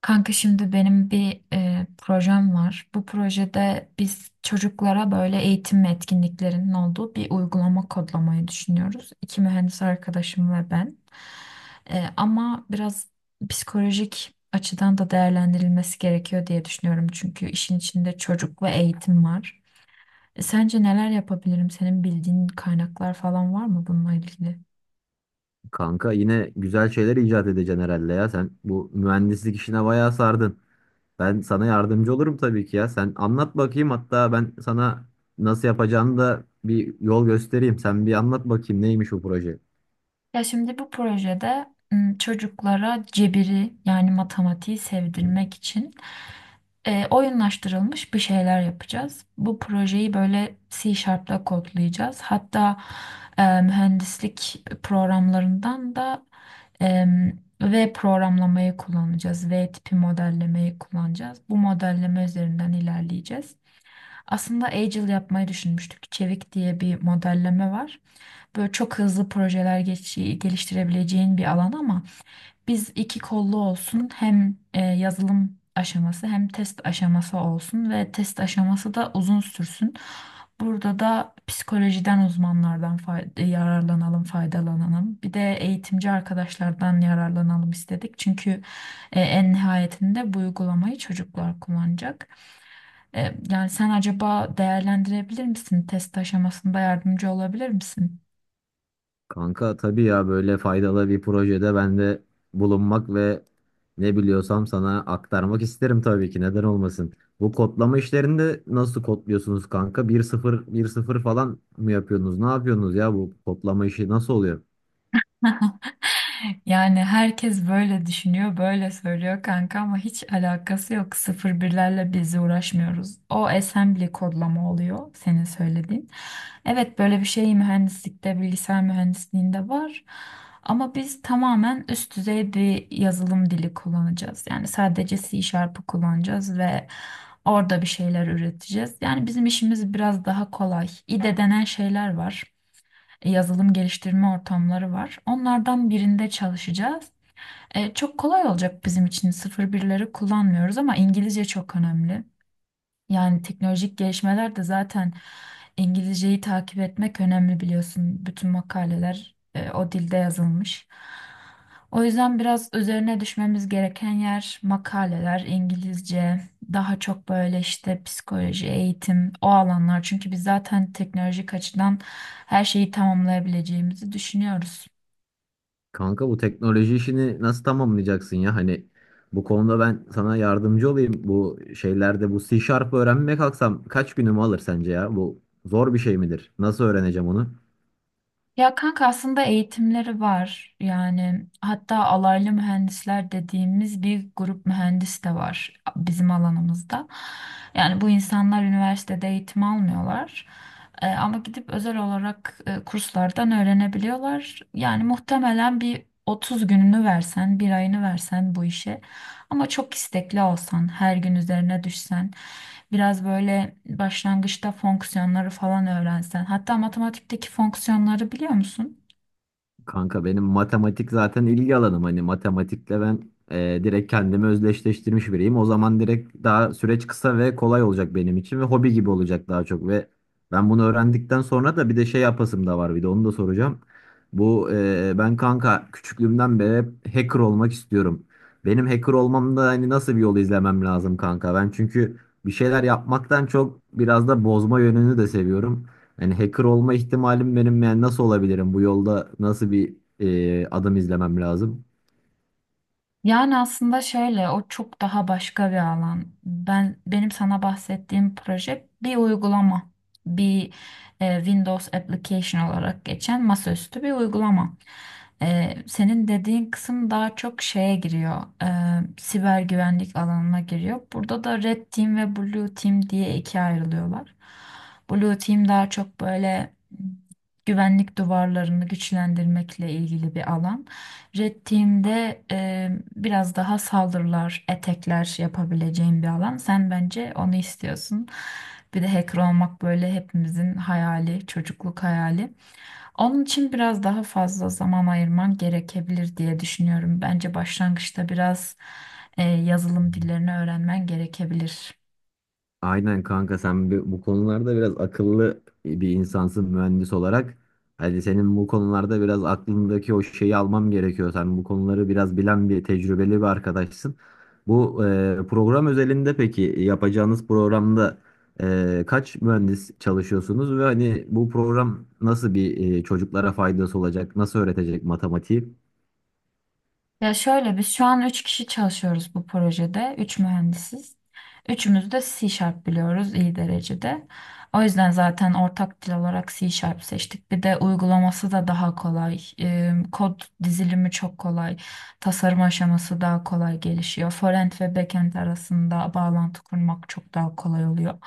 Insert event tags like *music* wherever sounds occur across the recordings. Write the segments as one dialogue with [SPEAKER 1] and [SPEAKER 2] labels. [SPEAKER 1] Kanka şimdi benim bir projem var. Bu projede biz çocuklara böyle eğitim ve etkinliklerinin olduğu bir uygulama kodlamayı düşünüyoruz. İki mühendis arkadaşım ve ben. Ama biraz psikolojik açıdan da değerlendirilmesi gerekiyor diye düşünüyorum. Çünkü işin içinde çocuk ve eğitim var. Sence neler yapabilirim? Senin bildiğin kaynaklar falan var mı bununla ilgili?
[SPEAKER 2] Kanka yine güzel şeyler icat edeceksin herhalde ya. Sen bu mühendislik işine bayağı sardın. Ben sana yardımcı olurum tabii ki ya. Sen anlat bakayım, hatta ben sana nasıl yapacağını da bir yol göstereyim. Sen bir anlat bakayım, neymiş bu proje.
[SPEAKER 1] Ya şimdi bu projede çocuklara cebiri yani matematiği sevdirmek için oyunlaştırılmış bir şeyler yapacağız. Bu projeyi böyle C Sharp'la kodlayacağız. Hatta mühendislik programlarından da e, V programlamayı kullanacağız. V tipi modellemeyi kullanacağız. Bu modelleme üzerinden ilerleyeceğiz. Aslında Agile yapmayı düşünmüştük. Çevik diye bir modelleme var. Böyle çok hızlı projeler geliştirebileceğin bir alan, ama biz iki kollu olsun, hem yazılım aşaması hem test aşaması olsun ve test aşaması da uzun sürsün. Burada da psikolojiden uzmanlardan faydalanalım. Bir de eğitimci arkadaşlardan yararlanalım istedik. Çünkü en nihayetinde bu uygulamayı çocuklar kullanacak. Yani sen acaba değerlendirebilir misin? Test aşamasında yardımcı olabilir misin?
[SPEAKER 2] Kanka tabii ya, böyle faydalı bir projede ben de bulunmak ve ne biliyorsam sana aktarmak isterim tabii ki. Neden olmasın? Bu kodlama işlerinde nasıl kodluyorsunuz kanka? Bir sıfır bir sıfır falan mı yapıyorsunuz? Ne yapıyorsunuz ya, bu kodlama işi nasıl oluyor?
[SPEAKER 1] *laughs* Yani herkes böyle düşünüyor, böyle söylüyor kanka ama hiç alakası yok. Sıfır birlerle biz uğraşmıyoruz. O assembly kodlama oluyor senin söylediğin. Evet, böyle bir şey mühendislikte, bilgisayar mühendisliğinde var. Ama biz tamamen üst düzey bir yazılım dili kullanacağız. Yani sadece C Sharp'ı kullanacağız ve orada bir şeyler üreteceğiz. Yani bizim işimiz biraz daha kolay. İde denen şeyler var. Yazılım geliştirme ortamları var. Onlardan birinde çalışacağız. Çok kolay olacak bizim için. Sıfır birleri kullanmıyoruz ama İngilizce çok önemli. Yani teknolojik gelişmeler de zaten İngilizceyi takip etmek önemli, biliyorsun. Bütün makaleler o dilde yazılmış. O yüzden biraz üzerine düşmemiz gereken yer makaleler, İngilizce, daha çok böyle işte psikoloji, eğitim, o alanlar. Çünkü biz zaten teknolojik açıdan her şeyi tamamlayabileceğimizi düşünüyoruz.
[SPEAKER 2] Kanka bu teknoloji işini nasıl tamamlayacaksın ya? Hani bu konuda ben sana yardımcı olayım. Bu şeylerde bu C Sharp öğrenmeye kalksam kaç günümü alır sence ya? Bu zor bir şey midir? Nasıl öğreneceğim onu?
[SPEAKER 1] Ya kanka, aslında eğitimleri var. Yani hatta alaylı mühendisler dediğimiz bir grup mühendis de var bizim alanımızda. Yani bu insanlar üniversitede eğitim almıyorlar. Ama gidip özel olarak kurslardan öğrenebiliyorlar. Yani muhtemelen bir 30 gününü versen, bir ayını versen bu işe, ama çok istekli olsan, her gün üzerine düşsen, biraz böyle başlangıçta fonksiyonları falan öğrensen, hatta matematikteki fonksiyonları biliyor musun?
[SPEAKER 2] Kanka benim matematik zaten ilgi alanım. Hani matematikle ben direkt kendimi özdeşleştirmiş biriyim. O zaman direkt daha süreç kısa ve kolay olacak benim için ve hobi gibi olacak daha çok. Ve ben bunu öğrendikten sonra da bir de şey yapasım da var, bir de onu da soracağım. Ben kanka küçüklüğümden beri hep hacker olmak istiyorum. Benim hacker olmamda hani nasıl bir yol izlemem lazım kanka? Ben çünkü bir şeyler yapmaktan çok biraz da bozma yönünü de seviyorum. Yani hacker olma ihtimalim benim, yani nasıl olabilirim? Bu yolda nasıl bir adım izlemem lazım?
[SPEAKER 1] Yani aslında şöyle, o çok daha başka bir alan. Benim sana bahsettiğim proje bir uygulama. Bir Windows application olarak geçen masaüstü bir uygulama. Senin dediğin kısım daha çok şeye giriyor. Siber güvenlik alanına giriyor. Burada da Red Team ve Blue Team diye ikiye ayrılıyorlar. Blue Team daha çok böyle güvenlik duvarlarını güçlendirmekle ilgili bir alan. Red e, biraz daha saldırılar, etekler yapabileceğin bir alan. Sen bence onu istiyorsun. Bir de hacker olmak böyle hepimizin hayali, çocukluk hayali. Onun için biraz daha fazla zaman ayırman gerekebilir diye düşünüyorum. Bence başlangıçta biraz yazılım dillerini öğrenmen gerekebilir.
[SPEAKER 2] Aynen kanka, sen bu konularda biraz akıllı bir insansın mühendis olarak. Hadi senin bu konularda biraz aklındaki o şeyi almam gerekiyor. Sen bu konuları biraz bilen, bir tecrübeli bir arkadaşsın. Program özelinde, peki yapacağınız programda kaç mühendis çalışıyorsunuz ve hani bu program nasıl bir, çocuklara faydası olacak? Nasıl öğretecek matematiği?
[SPEAKER 1] Ya şöyle, biz şu an 3 kişi çalışıyoruz bu projede. Üç mühendisiz. Üçümüz de C Sharp biliyoruz iyi derecede. O yüzden zaten ortak dil olarak C Sharp seçtik. Bir de uygulaması da daha kolay. Kod dizilimi çok kolay. Tasarım aşaması daha kolay gelişiyor. Frontend ve backend arasında bağlantı kurmak çok daha kolay oluyor.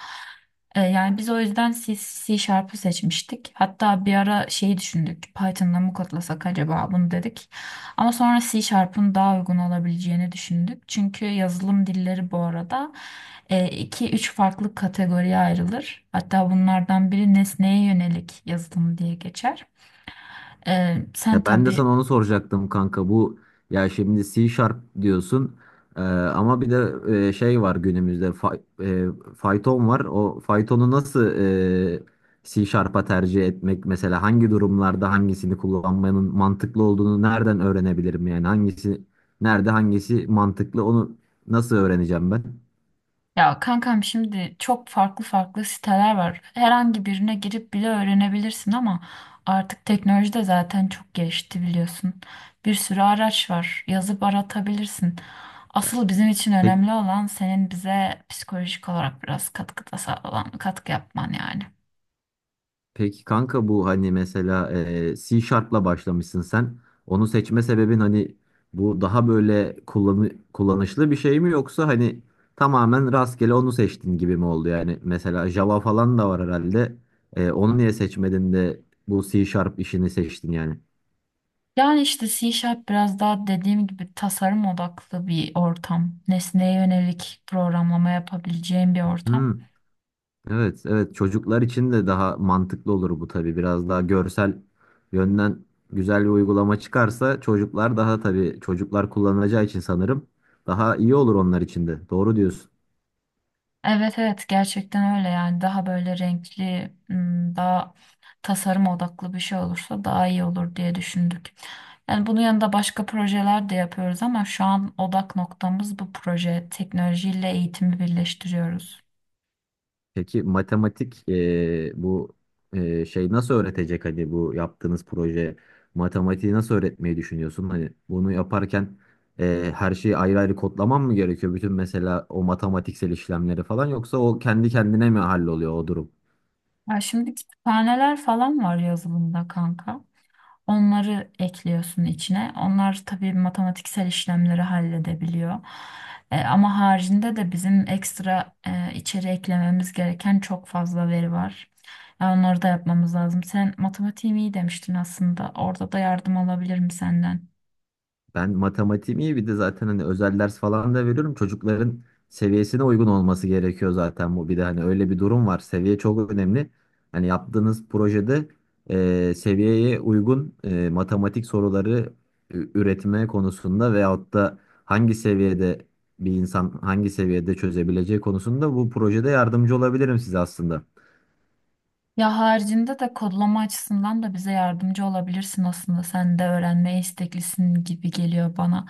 [SPEAKER 1] Yani biz o yüzden C Sharp'ı seçmiştik. Hatta bir ara şeyi düşündük. Python'la mı kodlasak acaba bunu, dedik. Ama sonra C Sharp'ın daha uygun olabileceğini düşündük. Çünkü yazılım dilleri bu arada iki üç farklı kategoriye ayrılır. Hatta bunlardan biri nesneye yönelik yazılım diye geçer. Sen
[SPEAKER 2] Ya ben de sana
[SPEAKER 1] tabii.
[SPEAKER 2] onu soracaktım kanka. Ya şimdi C Sharp diyorsun. Ama bir de şey var günümüzde, e, Python var. O Python'u nasıl e, C Sharp'a tercih etmek, mesela hangi durumlarda hangisini kullanmanın mantıklı olduğunu nereden öğrenebilirim, yani hangisi nerede, hangisi mantıklı, onu nasıl öğreneceğim ben?
[SPEAKER 1] Ya kankam, şimdi çok farklı farklı siteler var. Herhangi birine girip bile öğrenebilirsin, ama artık teknoloji de zaten çok gelişti, biliyorsun. Bir sürü araç var. Yazıp aratabilirsin.
[SPEAKER 2] Ya,
[SPEAKER 1] Asıl bizim için
[SPEAKER 2] pek
[SPEAKER 1] önemli olan, senin bize psikolojik olarak biraz katkı yapman yani.
[SPEAKER 2] Peki kanka bu, hani mesela C Sharp'la başlamışsın sen. Onu seçme sebebin hani bu daha böyle kullanışlı bir şey mi, yoksa hani tamamen rastgele onu seçtin gibi mi oldu yani? Mesela Java falan da var herhalde. Onu niye seçmedin de bu C Sharp işini seçtin yani?
[SPEAKER 1] Yani işte C Sharp biraz daha dediğim gibi tasarım odaklı bir ortam. Nesneye yönelik programlama yapabileceğin bir
[SPEAKER 2] Hmm.
[SPEAKER 1] ortam.
[SPEAKER 2] Evet, evet, çocuklar için de daha mantıklı olur bu tabii. Biraz daha görsel yönden güzel bir uygulama çıkarsa, çocuklar daha, tabii çocuklar kullanacağı için sanırım daha iyi olur onlar için de. Doğru diyorsun.
[SPEAKER 1] Evet, evet, gerçekten öyle. Yani daha böyle renkli, daha tasarım odaklı bir şey olursa daha iyi olur diye düşündük. Yani bunun yanında başka projeler de yapıyoruz ama şu an odak noktamız bu proje. Teknolojiyle eğitimi birleştiriyoruz.
[SPEAKER 2] Peki matematik bu şey nasıl öğretecek, hani bu yaptığınız proje matematiği nasıl öğretmeyi düşünüyorsun? Hani bunu yaparken her şeyi ayrı ayrı kodlamam mı gerekiyor? Bütün mesela o matematiksel işlemleri falan, yoksa o kendi kendine mi halloluyor o durum?
[SPEAKER 1] Ya şimdi kütüphaneler falan var yazılımda kanka. Onları ekliyorsun içine. Onlar tabii matematiksel işlemleri halledebiliyor. Ama haricinde de bizim ekstra içeri eklememiz gereken çok fazla veri var. Onları da yapmamız lazım. Sen matematiğim iyi demiştin aslında. Orada da yardım alabilirim senden.
[SPEAKER 2] Ben matematiğim iyi, bir de zaten hani özel ders falan da veriyorum. Çocukların seviyesine uygun olması gerekiyor zaten bu. Bir de hani öyle bir durum var. Seviye çok önemli. Hani yaptığınız projede seviyeye uygun matematik soruları üretme konusunda, veyahut da hangi seviyede bir insan hangi seviyede çözebileceği konusunda bu projede yardımcı olabilirim size aslında.
[SPEAKER 1] Ya haricinde de kodlama açısından da bize yardımcı olabilirsin aslında. Sen de öğrenmeye isteklisin gibi geliyor bana.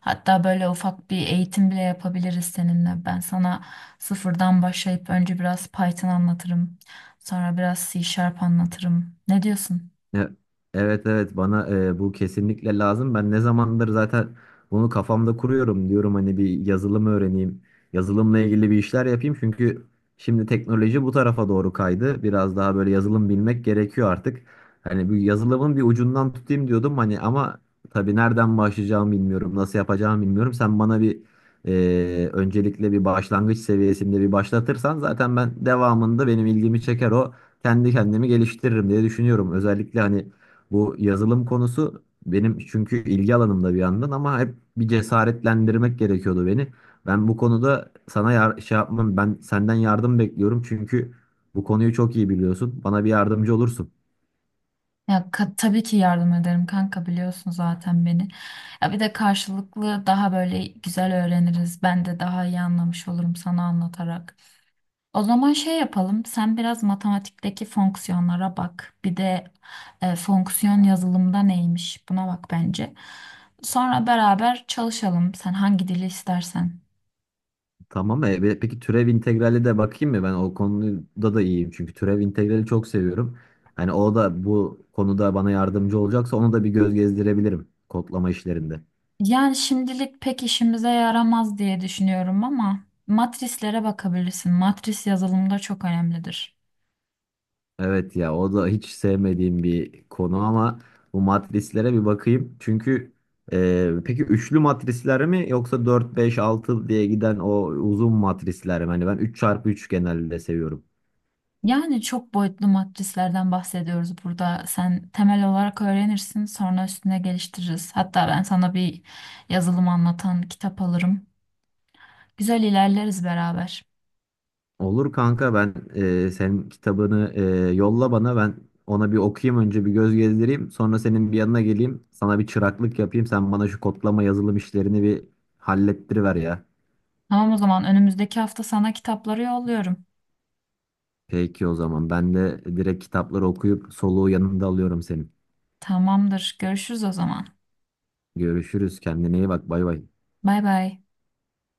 [SPEAKER 1] Hatta böyle ufak bir eğitim bile yapabiliriz seninle. Ben sana sıfırdan başlayıp önce biraz Python anlatırım. Sonra biraz C Sharp anlatırım. Ne diyorsun?
[SPEAKER 2] E- Evet, evet, bana bu kesinlikle lazım. Ben ne zamandır zaten bunu kafamda kuruyorum, diyorum hani bir yazılım öğreneyim. Yazılımla ilgili bir işler yapayım, çünkü şimdi teknoloji bu tarafa doğru kaydı. Biraz daha böyle yazılım bilmek gerekiyor artık. Hani bu yazılımın bir ucundan tutayım diyordum hani, ama tabii nereden başlayacağımı bilmiyorum, nasıl yapacağımı bilmiyorum. Sen bana bir, öncelikle bir başlangıç seviyesinde bir başlatırsan zaten, ben devamında benim ilgimi çeker o, kendi kendimi geliştiririm diye düşünüyorum. Özellikle hani bu yazılım konusu benim çünkü ilgi alanımda bir yandan, ama hep bir cesaretlendirmek gerekiyordu beni. Ben bu konuda sana şey yapmam, ben senden yardım bekliyorum, çünkü bu konuyu çok iyi biliyorsun. Bana bir yardımcı olursun.
[SPEAKER 1] Tabii ki yardım ederim kanka, biliyorsun zaten beni. Ya bir de karşılıklı daha böyle güzel öğreniriz. Ben de daha iyi anlamış olurum sana anlatarak. O zaman şey yapalım. Sen biraz matematikteki fonksiyonlara bak. Bir de fonksiyon yazılımda neymiş, buna bak bence. Sonra beraber çalışalım. Sen hangi dili istersen.
[SPEAKER 2] Tamam, peki türev integrali de bakayım mı? Ben o konuda da iyiyim, çünkü türev integrali çok seviyorum. Hani o da bu konuda bana yardımcı olacaksa onu da bir göz gezdirebilirim kodlama işlerinde.
[SPEAKER 1] Yani şimdilik pek işimize yaramaz diye düşünüyorum, ama matrislere bakabilirsin. Matris yazılımda çok önemlidir.
[SPEAKER 2] Evet ya, o da hiç sevmediğim bir konu, ama bu matrislere bir bakayım. Çünkü peki üçlü matrisler mi, yoksa 4 5 6 diye giden o uzun matrisler mi? Hani ben 3x3 genelde seviyorum.
[SPEAKER 1] Yani çok boyutlu matrislerden bahsediyoruz burada. Sen temel olarak öğrenirsin, sonra üstüne geliştiririz. Hatta ben sana bir yazılım anlatan kitap alırım. Güzel ilerleriz beraber.
[SPEAKER 2] Olur kanka, ben senin kitabını yolla bana, ben ona bir okuyayım, önce bir göz gezdireyim. Sonra senin bir yanına geleyim, sana bir çıraklık yapayım. Sen bana şu kodlama yazılım işlerini bir hallettiriver ya.
[SPEAKER 1] Tamam, o zaman önümüzdeki hafta sana kitapları yolluyorum.
[SPEAKER 2] Peki o zaman ben de direkt kitapları okuyup soluğu yanında alıyorum senin.
[SPEAKER 1] Tamamdır. Görüşürüz o zaman.
[SPEAKER 2] Görüşürüz. Kendine iyi bak. Bay bay.
[SPEAKER 1] Bay bay.